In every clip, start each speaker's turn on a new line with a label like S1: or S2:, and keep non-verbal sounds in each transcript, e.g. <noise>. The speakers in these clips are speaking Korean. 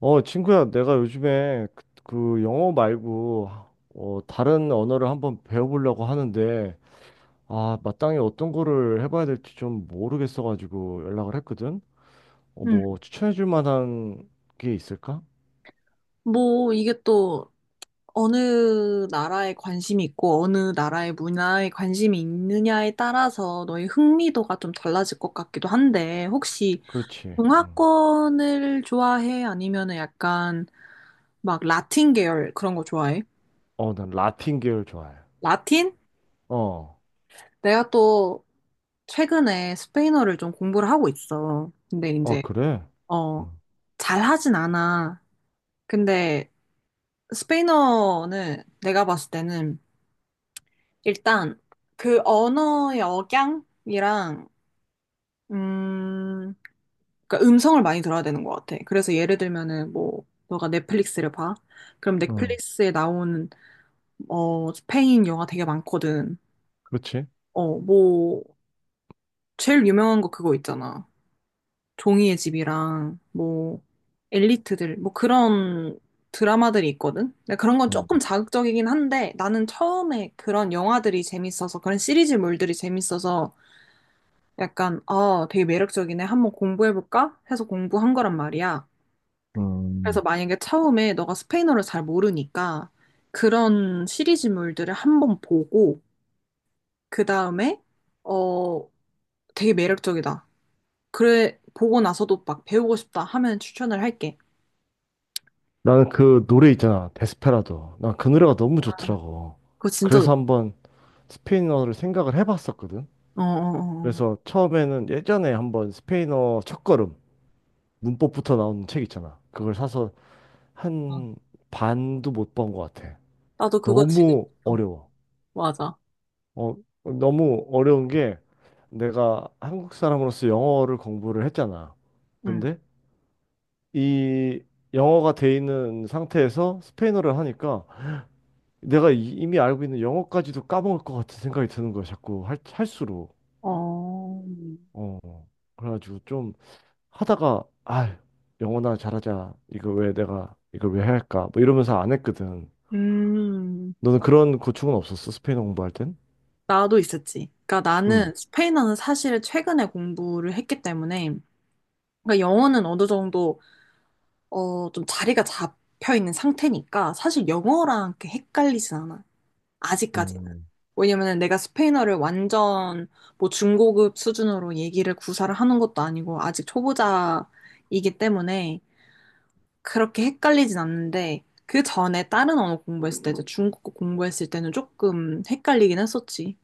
S1: 친구야, 내가 요즘에 그 영어 말고 다른 언어를 한번 배워보려고 하는데 마땅히 어떤 거를 해봐야 될지 좀 모르겠어가지고 연락을 했거든.
S2: 음.
S1: 뭐 추천해줄 만한 게 있을까?
S2: 뭐, 이게 또 어느 나라에 관심이 있고, 어느 나라의 문화에 관심이 있느냐에 따라서 너의 흥미도가 좀 달라질 것 같기도 한데, 혹시
S1: 그렇지. 응.
S2: 동화권을 좋아해? 아니면은 약간 막 라틴 계열 그런 거 좋아해?
S1: 난 라틴 계열 좋아해.
S2: 라틴?
S1: 어,
S2: 내가 또 최근에 스페인어를 좀 공부를 하고 있어. 근데
S1: 어,
S2: 이제,
S1: 그래?
S2: 어,
S1: 응,
S2: 잘하진 않아. 근데 스페인어는 내가 봤을 때는 일단 그 언어 역양이랑 음, 그러니까 음성을 많이 들어야 되는 것 같아. 그래서 예를 들면은 뭐 너가 넷플릭스를 봐. 그럼
S1: 응,
S2: 넷플릭스에 나오는 스페인 영화 되게 많거든.
S1: 그렇지.
S2: 뭐 제일 유명한 거 그거 있잖아. 종이의 집이랑 뭐 엘리트들 뭐 그런 드라마들이 있거든. 근데 그런 건 조금
S1: 응.
S2: 자극적이긴 한데 나는 처음에 그런 영화들이 재밌어서 그런 시리즈물들이 재밌어서 약간, 아, 되게 매력적이네. 한번 공부해볼까? 해서 공부한 거란 말이야.
S1: 음.
S2: 그래서 만약에 처음에 너가 스페인어를 잘 모르니까 그런 시리즈물들을 한번 보고, 그 다음에, 어, 되게 매력적이다. 그래, 보고 나서도 막 배우고 싶다 하면 추천을 할게.
S1: 나는 그 노래 있잖아, 데스페라도. 난 그 노래가 너무 좋더라고.
S2: 그거 진짜, 어,
S1: 그래서 한번 스페인어를 생각을 해봤었거든.
S2: 어, 어.
S1: 그래서 처음에는 예전에 한번 스페인어 첫걸음 문법부터 나오는 책 있잖아. 그걸 사서
S2: 어. 어.
S1: 한 반도 못 본 것 같아.
S2: 나도 그거 지금
S1: 너무
S2: 어
S1: 어려워.
S2: 맞아.
S1: 어, 너무 어려운 게 내가 한국 사람으로서 영어를 공부를 했잖아.
S2: 응.
S1: 근데 이 영어가 돼 있는 상태에서 스페인어를 하니까 내가 이미 알고 있는 영어까지도 까먹을 것 같은 생각이 드는 거야. 자꾸 할수록.
S2: 어,
S1: 어. 그래가지고 좀 하다가 아 영원아 잘하자 이거 왜 내가 이걸 왜 해야 할까 뭐 이러면서 안 했거든.
S2: 음,
S1: 너는 그런 고충은 없었어 스페인어 공부할 땐?
S2: 나도 있었지. 그러니까
S1: 음.
S2: 나는 스페인어는 사실 최근에 공부를 했기 때문에 그러니까 영어는 어느 정도 좀 자리가 잡혀 있는 상태니까 사실 영어랑 이렇게 헷갈리진 않아. 아직까지는.
S1: 음.
S2: 왜냐면은 내가 스페인어를 완전 뭐 중고급 수준으로 얘기를 구사를 하는 것도 아니고 아직 초보자이기 때문에 그렇게 헷갈리진 않는데 그 전에 다른 언어 공부했을 때 이제 중국어 공부했을 때는 조금 헷갈리긴 했었지.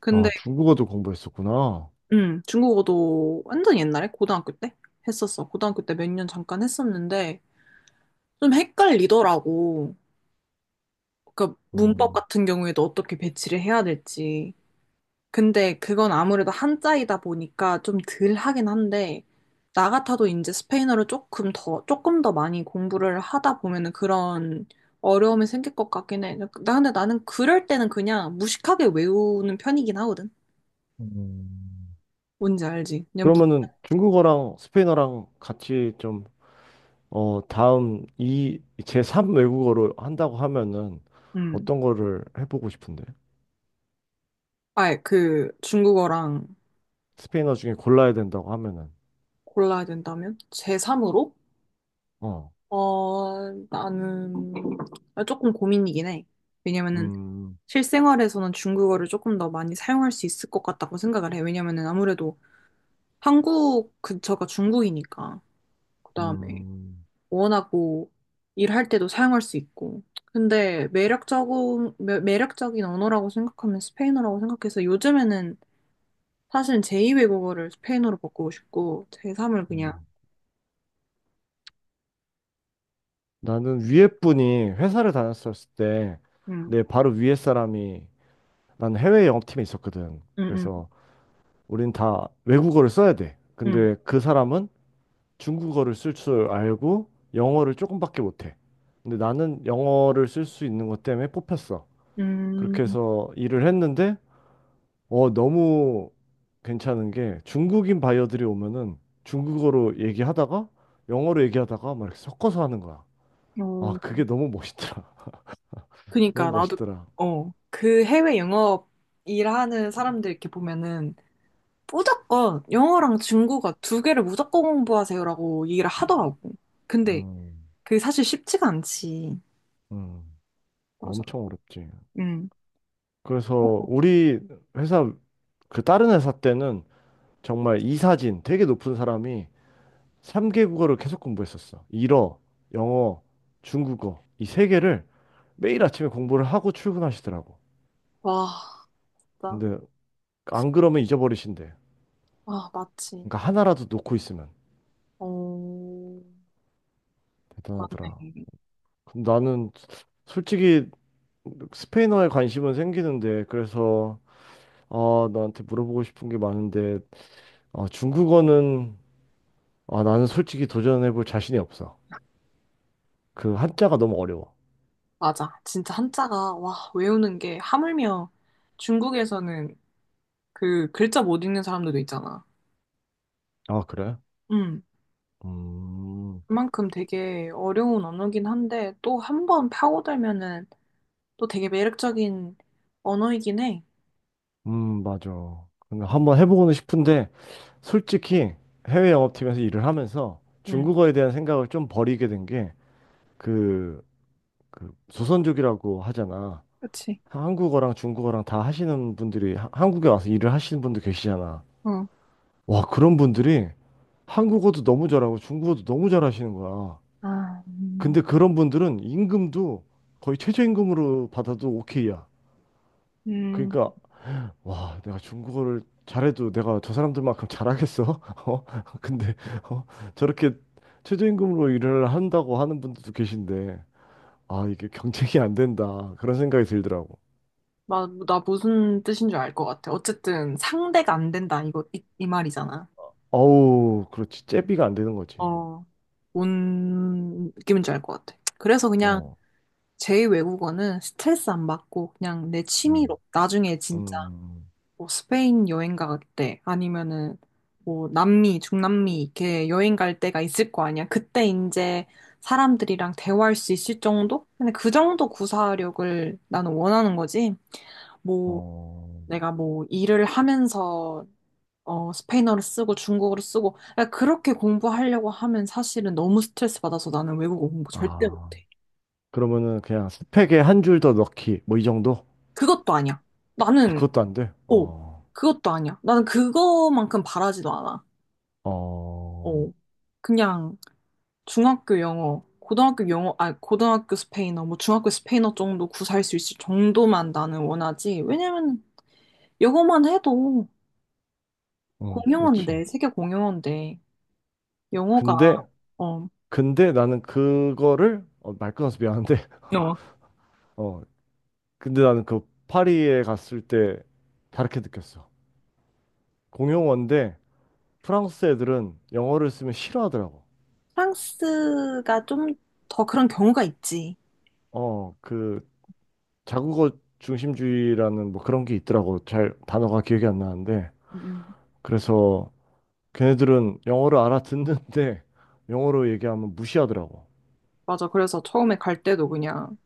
S2: 근데
S1: 아 중국어도 공부했었구나.
S2: 중국어도 완전 옛날에 고등학교 때 했었어. 고등학교 때 몇 년 잠깐 했었는데 좀 헷갈리더라고. 그러니까 문법
S1: 음.
S2: 같은 경우에도 어떻게 배치를 해야 될지. 근데 그건 아무래도 한자이다 보니까 좀 덜 하긴 한데, 나 같아도 이제 스페인어를 조금 더, 조금 더 많이 공부를 하다 보면은 그런 어려움이 생길 것 같긴 해. 나 근데 나는 그럴 때는 그냥 무식하게 외우는 편이긴 하거든.
S1: 음.
S2: 뭔지 알지? 그냥
S1: 그러면은 중국어랑 스페인어랑 같이 좀 다음 이 제3 외국어로 한다고 하면은
S2: 음.
S1: 어떤 거를 해보고 싶은데
S2: 아예 그 중국어랑,
S1: 스페인어 중에 골라야 된다고 하면은.
S2: 골라야 된다면? 제3으로?
S1: 어.
S2: 나는 아, 조금 고민이긴 해. 왜냐면은
S1: 음,
S2: 실생활에서는 중국어를 조금 더 많이 사용할 수 있을 것 같다고 생각을 해. 왜냐면은 아무래도 한국 근처가 중국이니까. 그다음에
S1: 음,
S2: 원하고 일할 때도 사용할 수 있고. 근데 매력적인 매력적인 언어라고 생각하면 스페인어라고 생각해서 요즘에는 사실 제2외국어를 스페인어로 바꾸고 싶고 제3을 그냥
S1: 음. 나는 위에 분이 회사를 다녔었을 때
S2: 음,
S1: 내 바로 위에 사람이 난 해외 영업팀에 있었거든.
S2: 음, 음,
S1: 그래서 우린 다 외국어를 써야 돼.
S2: 음,
S1: 근데 그 사람은 중국어를 쓸 줄 알고 영어를 조금밖에 못해. 근데 나는 영어를 쓸 수 있는 것 때문에 뽑혔어.
S2: 음, 음,
S1: 그렇게
S2: 음,
S1: 해서 일을 했는데 너무 괜찮은 게 중국인 바이어들이 오면은 중국어로 얘기하다가 영어로 얘기하다가 막 이렇게 섞어서 하는 거야. 아
S2: 음.
S1: 그게 너무 멋있더라. <laughs>
S2: 그니까
S1: 너무
S2: 나도
S1: 멋있더라.
S2: 그 해외 영업 일하는 사람들 이렇게 보면은 무조건 영어랑 중국어 두 개를 무조건 공부하세요라고 얘기를 하더라고. 근데
S1: 음,
S2: 그게 사실 쉽지가 않지.
S1: 음.
S2: 맞아.
S1: 엄청 어렵지.
S2: 응.
S1: 그래서 우리 회사, 그 다른 회사 때는 정말 이사진 되게 높은 사람이 3개 국어를 계속 공부했었어. 일어, 영어, 중국어. 이 세 개를 매일 아침에 공부를 하고 출근하시더라고.
S2: 와. 나,
S1: 근데 안 그러면 잊어버리신대.
S2: 아, 맞지.
S1: 그러니까 하나라도 놓고 있으면
S2: 어,
S1: 대단하더라.
S2: 네.
S1: 그럼 나는 솔직히 스페인어에 관심은 생기는데 그래서 너한테 물어보고 싶은 게 많은데 중국어는 아, 나는 솔직히 도전해볼 자신이 없어. 그 한자가 너무 어려워.
S2: 맞아. 진짜 한자가, 와, 외우는 게, 하물며 중국에서는 그 글자 못 읽는 사람들도 있잖아.
S1: 아, 그래?
S2: 음.
S1: 음,
S2: 그만큼 되게 어려운 언어긴 한데, 또 한 번 파고들면은 또 되게 매력적인 언어이긴 해.
S1: 맞아. 근데 한번 해보고는 싶은데, 솔직히 해외 영업팀에서 일을 하면서
S2: 응,
S1: 중국어에 대한 생각을 좀 버리게 된 게, 그, 그 조선족이라고 하잖아.
S2: 그치?
S1: 한국어랑 중국어랑 다 하시는 분들이, 한국에 와서 일을 하시는 분들 계시잖아.
S2: 어.
S1: 와, 그런 분들이 한국어도 너무 잘하고 중국어도 너무 잘하시는 거야.
S2: 아,
S1: 근데 그런 분들은 임금도 거의 최저임금으로 받아도 오케이야.
S2: 음,
S1: 그러니까 와, 내가 중국어를 잘해도 내가 저 사람들만큼 잘하겠어? <laughs> 어? 근데 어? 저렇게 최저임금으로 일을 한다고 하는 분들도 계신데 아, 이게 경쟁이 안 된다. 그런 생각이 들더라고.
S2: 나 무슨 뜻인 줄 알 것 같아. 어쨌든 상대가 안 된다 이거 이 말이잖아.
S1: 어우, 그렇지. 제비가 안 되는 거지.
S2: 어, 뭔 느낌인지 알 것 같아. 그래서 그냥
S1: 어.
S2: 제 외국어는 스트레스 안 받고 그냥 내 취미로
S1: 음.
S2: 나중에 진짜
S1: 음.
S2: 뭐 스페인 여행 갈 때, 아니면은 뭐 남미, 중남미 이렇게 여행 갈 때가 있을 거 아니야. 그때 이제 사람들이랑 대화할 수 있을 정도? 근데 그 정도 구사력을 나는 원하는 거지. 뭐
S1: 어.
S2: 내가 뭐 일을 하면서 스페인어를 쓰고 중국어를 쓰고 그러니까 그렇게 공부하려고 하면 사실은 너무 스트레스 받아서 나는 외국어 공부 절대
S1: 아.
S2: 못해.
S1: 그러면은 그냥 스펙에 한 줄 더 넣기. 뭐 이 정도?
S2: 그것도 아니야.
S1: 아,
S2: 나는
S1: 그것도 안 돼.
S2: 어
S1: 어.
S2: 그것도 아니야. 나는 그거만큼 바라지도 않아.
S1: 어,
S2: 어. 그냥 중학교 영어, 고등학교 영어, 아, 고등학교 스페인어, 뭐 중학교 스페인어 정도 구사할 수 있을 정도만 나는 원하지. 왜냐면 영어만 해도
S1: 응, 그렇지.
S2: 공용어인데, 세계 공용어인데, 영어가,
S1: 근데,
S2: 어,
S1: 근데 나는 그거를, 말 끊어서 미안한데,
S2: 어.
S1: <laughs> 어, 근데 나는 그 파리에 갔을 때 다르게 느꼈어. 공용어인데, 프랑스 애들은 영어를 쓰면 싫어하더라고.
S2: 프랑스가 좀 더 그런 경우가 있지.
S1: 어, 그, 자국어 중심주의라는 뭐 그런 게 있더라고. 단어가 기억이 안 나는데.
S2: 음,
S1: 그래서 걔네들은 영어를 알아듣는데, <laughs> 영어로 얘기하면 무시하더라고.
S2: 맞아. 그래서 처음에 갈 때도 그냥,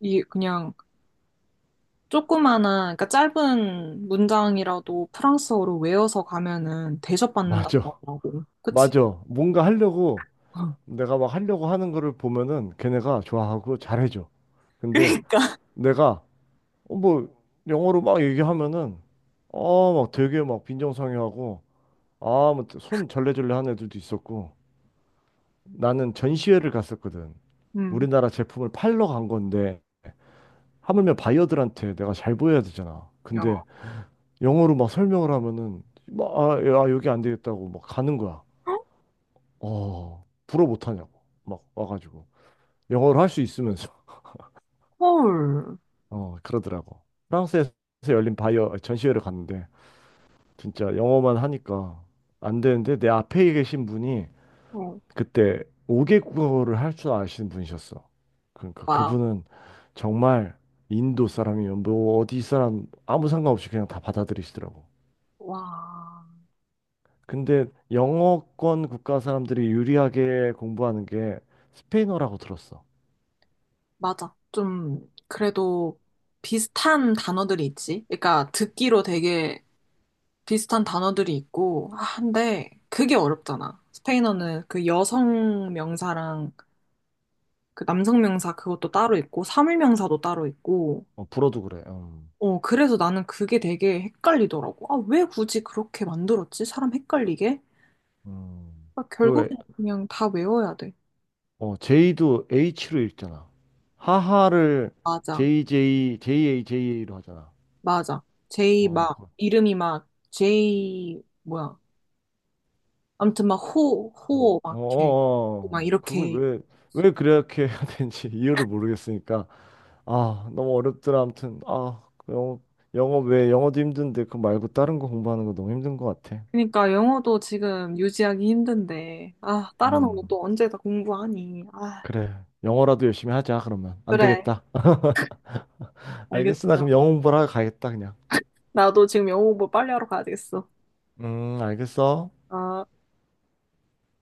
S2: 이, 그냥, 조그마한, 그러니까 짧은 문장이라도 프랑스어로 외워서 가면은 대접받는다고
S1: 맞아,
S2: 하더라고.
S1: <laughs>
S2: 그치?
S1: 맞아. 뭔가 하려고,
S2: 어.
S1: 내가 막 하려고 하는 거를 보면은 걔네가 좋아하고 잘해줘.
S2: <laughs>
S1: 근데
S2: 그러니까.
S1: 내가 뭐 영어로 막 얘기하면은 어막 되게 막 빈정상해하고 아막손 절레절레 하는 애들도 있었고 나는 전시회를 갔었거든.
S2: 음.
S1: 우리나라 제품을 팔러 간 건데 하물며 바이어들한테 내가 잘 보여야 되잖아.
S2: 야,
S1: 근데 영어로 막 설명을 하면은 막 아, 야, 여기 안 되겠다고 막 가는 거야. 불어 못 하냐고 막 와가지고 영어로 할 수 있으면서.
S2: 헐.
S1: 그러더라고. 프랑스에서 열린 바이어 전시회를 갔는데 진짜 영어만 하니까 안 되는데 내 앞에 계신 분이
S2: 어,
S1: 그때 오개 국어를 할 줄 아시는 분이셨어. 그러니까
S2: 와,
S1: 그분은 정말 인도 사람이면 뭐 어디 사람 아무 상관없이 그냥 다 받아들이시더라고.
S2: 와,
S1: 근데 영어권 국가 사람들이 유리하게 공부하는 게 스페인어라고 들었어.
S2: 맞아. 좀, 그래도 비슷한 단어들이 있지? 그러니까 듣기로 되게 비슷한 단어들이 있고, 아, 근데 그게 어렵잖아. 스페인어는 그 여성 명사랑 그 남성 명사 그것도 따로 있고, 사물 명사도 따로 있고,
S1: 어, 불어도 그래. 음.
S2: 그래서 나는 그게 되게 헷갈리더라고. 아, 왜 굳이 그렇게 만들었지? 사람 헷갈리게?
S1: 음.
S2: 아,
S1: 그
S2: 결국엔 그냥 다 외워야 돼.
S1: J도 H로 읽잖아. 하하를
S2: 맞아.
S1: JJ, JA, JA로 하잖아.
S2: 맞아. 제이
S1: 어,
S2: 막
S1: 그- 어,
S2: 이름이 막 제이 뭐야? 아무튼 막 호, 호, 막 이렇게 막
S1: 그걸
S2: 이렇게
S1: 왜 그렇게 해야 되는지 <laughs> 이유를 모르겠으니까. 아, 너무 어렵더라. 아무튼, 영어 영어도 힘든데, 그거 말고 다른 거 공부하는 거 너무 힘든 것 같아.
S2: 그러니까 영어도 지금 유지하기 힘든데, 아, 다른 언어
S1: 음,
S2: 또 언제 다 공부하니? 아,
S1: 그래. 영어라도 열심히 하자, 그러면. 안
S2: 그래,
S1: 되겠다. <laughs> 알겠어. 나
S2: 알겠어.
S1: 그럼 영어 공부하러 가겠다, 그냥.
S2: 나도 지금 영어 공부 빨리 하러 가야 되겠어.
S1: 알겠어.
S2: 아.